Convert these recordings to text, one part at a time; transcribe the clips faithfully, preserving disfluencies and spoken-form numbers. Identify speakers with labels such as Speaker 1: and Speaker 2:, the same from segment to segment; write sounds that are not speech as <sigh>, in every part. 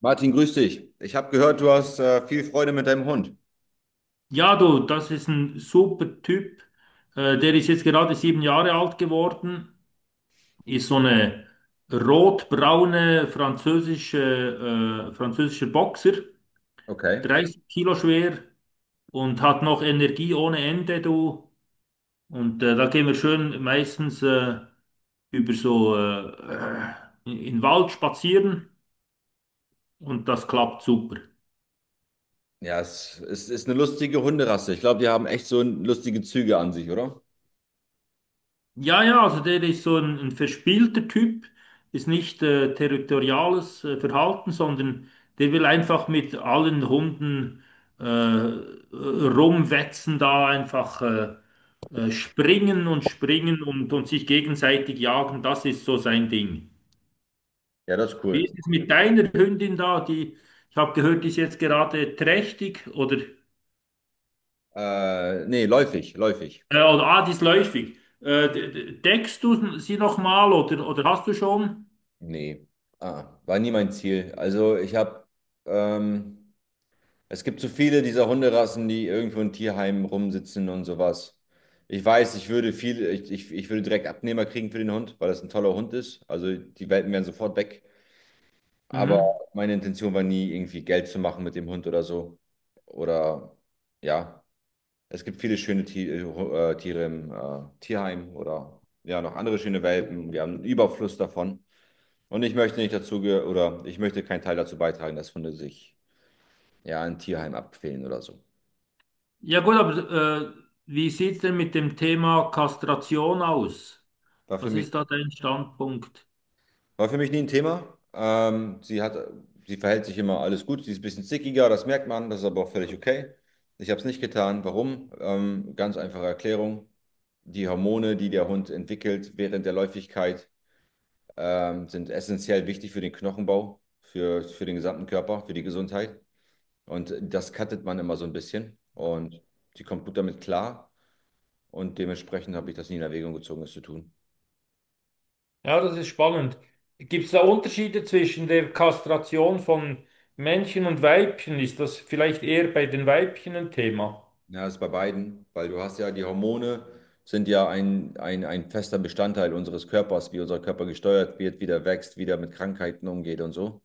Speaker 1: Martin, grüß dich. Ich habe gehört, du hast äh, viel Freude mit deinem Hund.
Speaker 2: Ja, du, das ist ein super Typ. Äh, der ist jetzt gerade sieben Jahre alt geworden, ist so eine rotbraune französische, äh, französischer Boxer,
Speaker 1: Okay.
Speaker 2: dreißig Kilo schwer und hat noch Energie ohne Ende, du. Und äh, da gehen wir schön meistens äh, über so äh, äh, in den Wald spazieren und das klappt super.
Speaker 1: Ja, es ist, ist eine lustige Hunderasse. Ich glaube, die haben echt so lustige Züge an sich, oder?
Speaker 2: Ja, ja, also der ist so ein, ein verspielter Typ, ist nicht äh, territoriales äh, Verhalten, sondern der will einfach mit allen Hunden äh, rumwetzen, da einfach äh, äh, springen und springen und, und sich gegenseitig jagen. Das ist so sein Ding.
Speaker 1: Ja, das ist
Speaker 2: Wie
Speaker 1: cool.
Speaker 2: ist es mit deiner Hündin da? Die, ich habe gehört, die ist jetzt gerade trächtig oder, äh,
Speaker 1: Äh, nee, läufig, läufig.
Speaker 2: oder ah, die ist läufig. Äh, de- de- deckst du sie nochmal oder, oder hast du schon?
Speaker 1: Nee. Ah, war nie mein Ziel. Also ich habe, ähm, es gibt so viele dieser Hunderassen, die irgendwo in Tierheimen rumsitzen und sowas. Ich weiß, ich würde viel, ich, ich, ich würde direkt Abnehmer kriegen für den Hund, weil das ein toller Hund ist. Also die Welpen wären sofort weg. Aber
Speaker 2: Mhm.
Speaker 1: meine Intention war nie, irgendwie Geld zu machen mit dem Hund oder so. Oder ja, es gibt viele schöne Ti- äh, Hu- äh, Tiere im äh, Tierheim oder ja, noch andere schöne Welpen. Wir haben einen Überfluss davon. Und ich möchte nicht dazu ge- oder ich möchte keinen Teil dazu beitragen, dass Hunde sich ja in Tierheim abquälen oder so.
Speaker 2: Ja gut, aber äh, wie sieht es denn mit dem Thema Kastration aus?
Speaker 1: War für
Speaker 2: Was
Speaker 1: mich
Speaker 2: ist da dein Standpunkt?
Speaker 1: War für mich nie ein Thema. Ähm, sie hat, sie verhält sich immer alles gut. Sie ist ein bisschen stickiger, das merkt man, das ist aber auch völlig okay. Ich habe es nicht getan. Warum? Ähm, ganz einfache Erklärung. Die Hormone, die der Hund entwickelt während der Läufigkeit, ähm, sind essentiell wichtig für den Knochenbau, für, für den gesamten Körper, für die Gesundheit. Und das cuttet man immer so ein bisschen. Und sie kommt gut damit klar. Und dementsprechend habe ich das nie in Erwägung gezogen, es zu tun.
Speaker 2: Ja, das ist spannend. Gibt es da Unterschiede zwischen der Kastration von Männchen und Weibchen? Ist das vielleicht eher bei den Weibchen ein Thema?
Speaker 1: Ja, das ist bei beiden, weil du hast ja die Hormone sind ja ein, ein, ein fester Bestandteil unseres Körpers, wie unser Körper gesteuert wird, wie der wächst, wie der mit Krankheiten umgeht und so.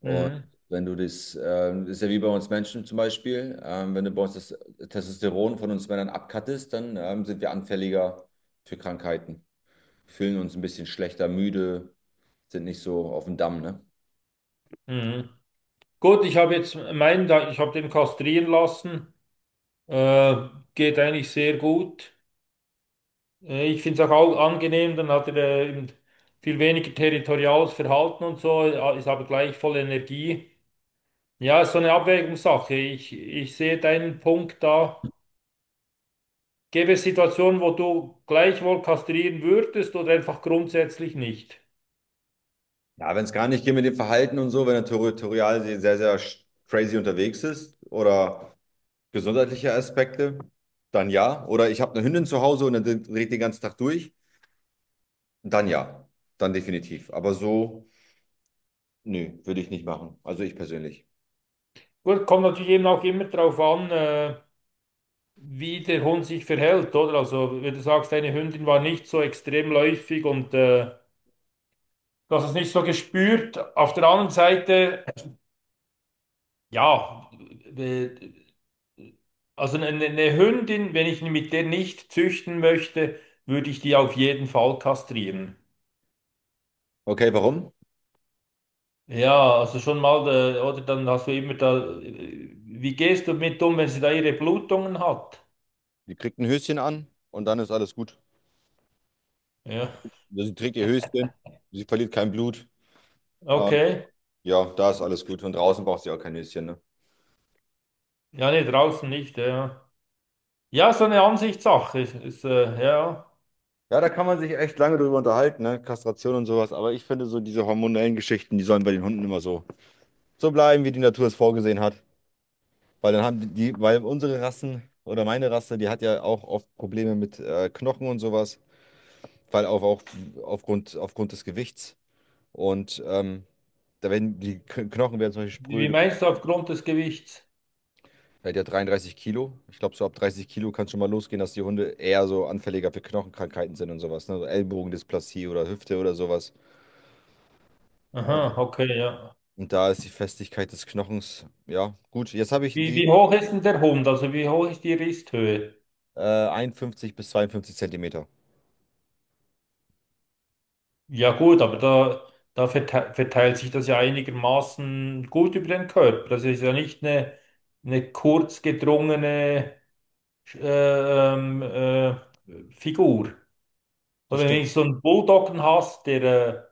Speaker 1: Und
Speaker 2: Mhm.
Speaker 1: wenn du das, ähm, ist ja wie bei uns Menschen zum Beispiel. Ähm, wenn du bei uns das Testosteron von uns Männern abkattest, dann ähm, sind wir anfälliger für Krankheiten, fühlen uns ein bisschen schlechter, müde, sind nicht so auf dem Damm, ne?
Speaker 2: Mhm. Gut, ich habe jetzt meinen, da- ich habe den kastrieren lassen. Äh, Geht eigentlich sehr gut. Äh, Ich finde es auch au- angenehm, dann hat er äh, eben viel weniger territoriales Verhalten und so, ja, ist aber gleich voll Energie. Ja, ist so eine Abwägungssache. Ich, ich sehe deinen Punkt da. Gäbe es Situationen, wo du gleichwohl kastrieren würdest oder einfach grundsätzlich nicht?
Speaker 1: Ja, wenn es gar nicht geht mit dem Verhalten und so, wenn er territorial sehr, sehr sch- crazy unterwegs ist oder gesundheitliche Aspekte, dann ja. Oder ich habe eine Hündin zu Hause und dann dreht den ganzen Tag durch, dann ja. Dann definitiv. Aber so, nö, würde ich nicht machen. Also ich persönlich.
Speaker 2: Gut, kommt natürlich eben auch immer darauf an, äh, wie der Hund sich verhält, oder? Also, wenn du sagst, deine Hündin war nicht so extrem läufig und äh, du hast es nicht so gespürt. Auf der anderen Seite. Ja, äh, also eine, eine Hündin, wenn ich mit der nicht züchten möchte, würde ich die auf jeden Fall kastrieren.
Speaker 1: Okay, warum?
Speaker 2: Ja, also schon mal, äh, oder dann hast du immer da, äh, wie gehst du mit um, wenn sie da ihre Blutungen hat?
Speaker 1: Die kriegt ein Höschen an und dann ist alles gut.
Speaker 2: Ja,
Speaker 1: Sie trägt ihr Höschen, sie verliert kein Blut. Äh,
Speaker 2: okay.
Speaker 1: ja, da ist alles gut. Und draußen braucht sie auch kein Höschen, ne?
Speaker 2: Ja, nee, draußen nicht, ja. Ja, so eine Ansichtssache ist, ist äh, ja.
Speaker 1: Ja, da kann man sich echt lange drüber unterhalten, ne? Kastration und sowas. Aber ich finde so diese hormonellen Geschichten, die sollen bei den Hunden immer so, so bleiben, wie die Natur es vorgesehen hat. Weil dann haben die, weil unsere Rassen oder meine Rasse, die hat ja auch oft Probleme mit äh, Knochen und sowas, weil auch, auch aufgrund, aufgrund des Gewichts. Und ähm, da werden die K- Knochen werden zum Beispiel
Speaker 2: Wie
Speaker 1: spröde.
Speaker 2: meinst du aufgrund des Gewichts?
Speaker 1: Er hat ja dreiunddreißig Kilo. Ich glaube, so ab dreißig Kilo kann schon mal losgehen, dass die Hunde eher so anfälliger für Knochenkrankheiten sind und sowas. Ne? So Ellbogendysplasie oder Hüfte oder sowas. Und,
Speaker 2: Aha, okay, ja.
Speaker 1: und da ist die Festigkeit des Knochens, ja, gut. Jetzt habe ich
Speaker 2: Wie,
Speaker 1: die
Speaker 2: wie hoch ist denn der Hund? Also wie hoch ist die Risthöhe?
Speaker 1: äh, einundfünfzig bis zweiundfünfzig Zentimeter.
Speaker 2: Ja gut, aber da, da vertei- verteilt sich das ja einigermaßen gut über den Körper. Das ist ja nicht eine, eine kurz gedrungene äh, ähm, äh, Figur. Und
Speaker 1: Das
Speaker 2: wenn
Speaker 1: stimmt.
Speaker 2: du so einen Bulldoggen hast, der äh,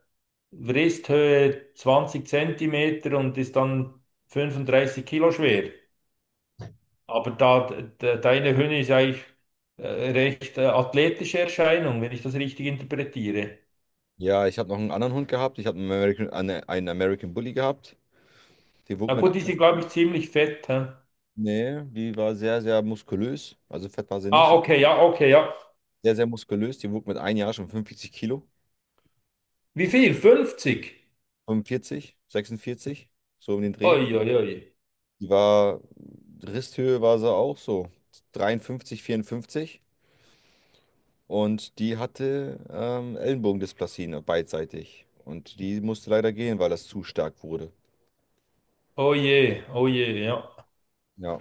Speaker 2: Wristhöhe zwanzig Zentimeter und ist dann fünfunddreißig Kilo schwer. Aber da, de, deine Hündin ist eigentlich äh, recht äh, athletische Erscheinung, wenn ich das richtig interpretiere.
Speaker 1: Ja, ich habe noch einen anderen Hund gehabt. Ich habe einen American, eine, einen American Bully gehabt. Die
Speaker 2: Na
Speaker 1: wog mit,
Speaker 2: gut,
Speaker 1: ein-
Speaker 2: die sind, glaube ich, ziemlich fett. Hä?
Speaker 1: Nee, die war sehr, sehr muskulös. Also fett war sie nicht.
Speaker 2: Ah,
Speaker 1: Die war
Speaker 2: okay, ja, okay, ja.
Speaker 1: Sehr, sehr muskulös. Die wog mit ein Jahr schon fünfundvierzig Kilo.
Speaker 2: Wie viel? fünfzig?
Speaker 1: fünfundvierzig, sechsundvierzig, so um den Dreh.
Speaker 2: Oi, oi, oi.
Speaker 1: Die war, Risthöhe war sie auch so dreiundfünfzig, vierundfünfzig. Und die hatte ähm, Ellenbogendysplasie, ne, beidseitig. Und die musste leider gehen, weil das zu stark wurde.
Speaker 2: Oh je, oh je, ja.
Speaker 1: Ja.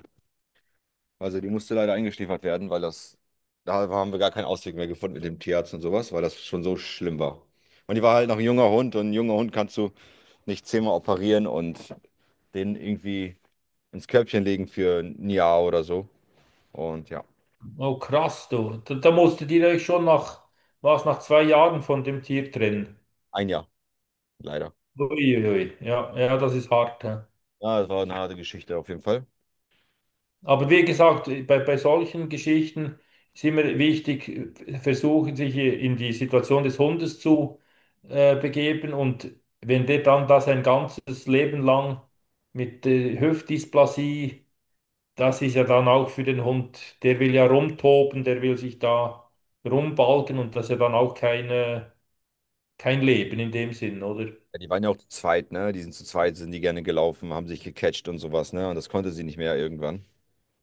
Speaker 1: Also die musste leider eingeschläfert werden, weil das, da haben wir gar keinen Ausweg mehr gefunden mit dem Tierarzt und sowas, weil das schon so schlimm war. Und die war halt noch ein junger Hund und ein junger Hund kannst du nicht zehnmal operieren und den irgendwie ins Körbchen legen für ein Jahr oder so. Und ja,
Speaker 2: Oh krass, du. Da, da musst du direkt schon nach, was, nach zwei Jahren von dem Tier trennen.
Speaker 1: ein Jahr, leider.
Speaker 2: Ui, ui, ja, ja, das ist hart. Ja.
Speaker 1: Ja, das war eine harte Geschichte auf jeden Fall.
Speaker 2: Aber wie gesagt, bei, bei solchen Geschichten ist immer wichtig, äh, versuchen sich in die Situation des Hundes zu äh, begeben. Und wenn der dann das ein ganzes Leben lang mit äh, Hüftdysplasie, das ist ja dann auch für den Hund, der will ja rumtoben, der will sich da rumbalgen und das ist ja dann auch keine, kein Leben in dem Sinn, oder?
Speaker 1: Ja, die waren ja auch zu zweit, ne? Die sind zu zweit, sind die gerne gelaufen, haben sich gecatcht und sowas, ne? Und das konnte sie nicht mehr irgendwann.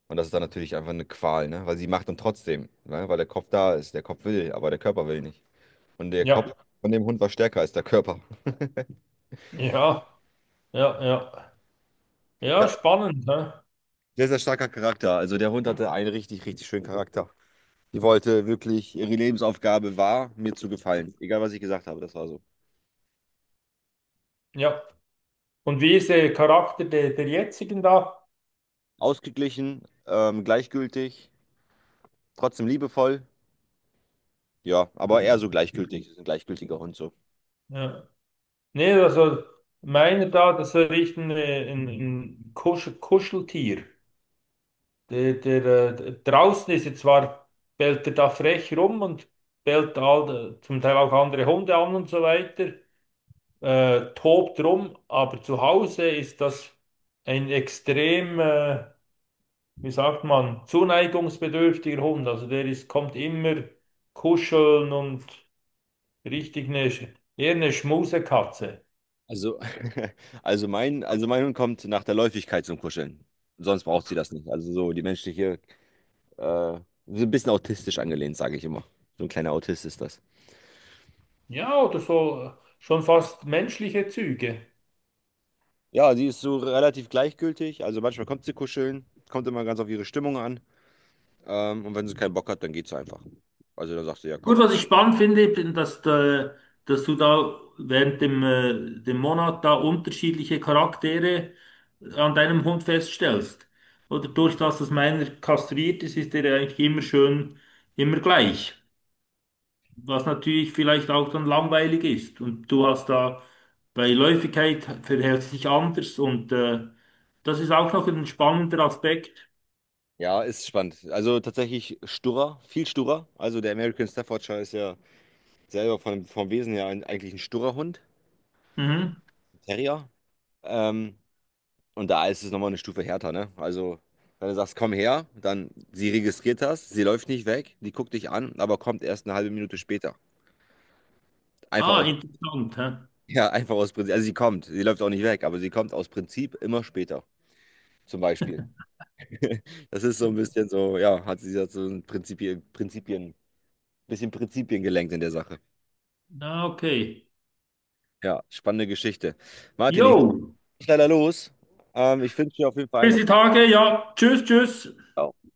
Speaker 1: Und das ist dann natürlich einfach eine Qual, ne? Weil sie macht dann trotzdem, ne? Weil der Kopf da ist, der Kopf will, aber der Körper will nicht. Und der Kopf
Speaker 2: Ja,
Speaker 1: von dem Hund war stärker als der Körper.
Speaker 2: ja, ja, ja.
Speaker 1: Ja,
Speaker 2: Ja, spannend, ne?
Speaker 1: sehr, sehr starker Charakter. Also der Hund hatte einen richtig, richtig schönen Charakter. Die wollte wirklich, ihre Lebensaufgabe war, mir zu gefallen. Egal, was ich gesagt habe, das war so.
Speaker 2: Ja. Und wie ist der Charakter der, der jetzigen da?
Speaker 1: Ausgeglichen, ähm, gleichgültig, trotzdem liebevoll. Ja, aber eher so gleichgültig. Ist ein gleichgültiger Hund so.
Speaker 2: Ja. Nee, also meiner da, das ist echt ein, äh, ein, ein Kusch, Kuscheltier. Der, der, äh, der- draußen ist er zwar, bellt er da frech rum und bellt all, äh, zum Teil auch andere Hunde an und so weiter. Äh, tobt rum, aber zu Hause ist das ein extrem, äh, wie sagt man, zuneigungsbedürftiger Hund. Also der ist, kommt immer kuscheln und richtig eine, Sch- eher eine Schmusekatze.
Speaker 1: Also, <laughs> also mein, also mein Hund kommt nach der Läufigkeit zum Kuscheln. Sonst braucht sie das nicht. Also so die menschliche, äh, so ein bisschen autistisch angelehnt, sage ich immer. So ein kleiner Autist ist das.
Speaker 2: Ja, oder so äh, schon fast menschliche Züge.
Speaker 1: Ja, sie ist so relativ gleichgültig. Also manchmal kommt sie kuscheln, kommt immer ganz auf ihre Stimmung an. Ähm, und wenn sie keinen Bock hat, dann geht sie einfach. Also dann sagt sie, ja,
Speaker 2: Gut,
Speaker 1: komm.
Speaker 2: was ich spannend finde, bin, dass, da- dass du da während dem, äh, dem Monat da unterschiedliche Charaktere äh, an deinem Hund feststellst. Oder durch das, dass meiner kastriert ist, ist der eigentlich immer schön, immer gleich. Was natürlich vielleicht auch dann langweilig ist. Und du hast da bei Läufigkeit verhält sich anders und äh, das ist auch noch ein spannender Aspekt.
Speaker 1: Ja, ist spannend. Also tatsächlich sturer, viel sturer. Also der American Staffordshire ist ja selber von, vom Wesen her ein, eigentlich ein sturer Hund,
Speaker 2: Mhm.
Speaker 1: Terrier. Ähm, und da ist es nochmal eine Stufe härter, ne? Also wenn du sagst, komm her, dann sie registriert das, sie läuft nicht weg, die guckt dich an, aber kommt erst eine halbe Minute später. Einfach
Speaker 2: Ah,
Speaker 1: aus
Speaker 2: interessant. Hä?
Speaker 1: Ja, einfach aus Prinzip. Also sie kommt, sie läuft auch nicht weg, aber sie kommt aus Prinzip immer später, zum Beispiel. <laughs> Das ist so ein bisschen so, ja, hat sie jetzt so ein Prinzipien, Prinzipien, bisschen Prinzipien gelenkt in der Sache.
Speaker 2: Ah, okay.
Speaker 1: Ja, spannende Geschichte. Martin,
Speaker 2: Jo.
Speaker 1: ich muss leider los. Ähm, ich wünsche dir auf jeden Fall
Speaker 2: Bis die
Speaker 1: einen.
Speaker 2: Tage, ja. Tschüss, tschüss.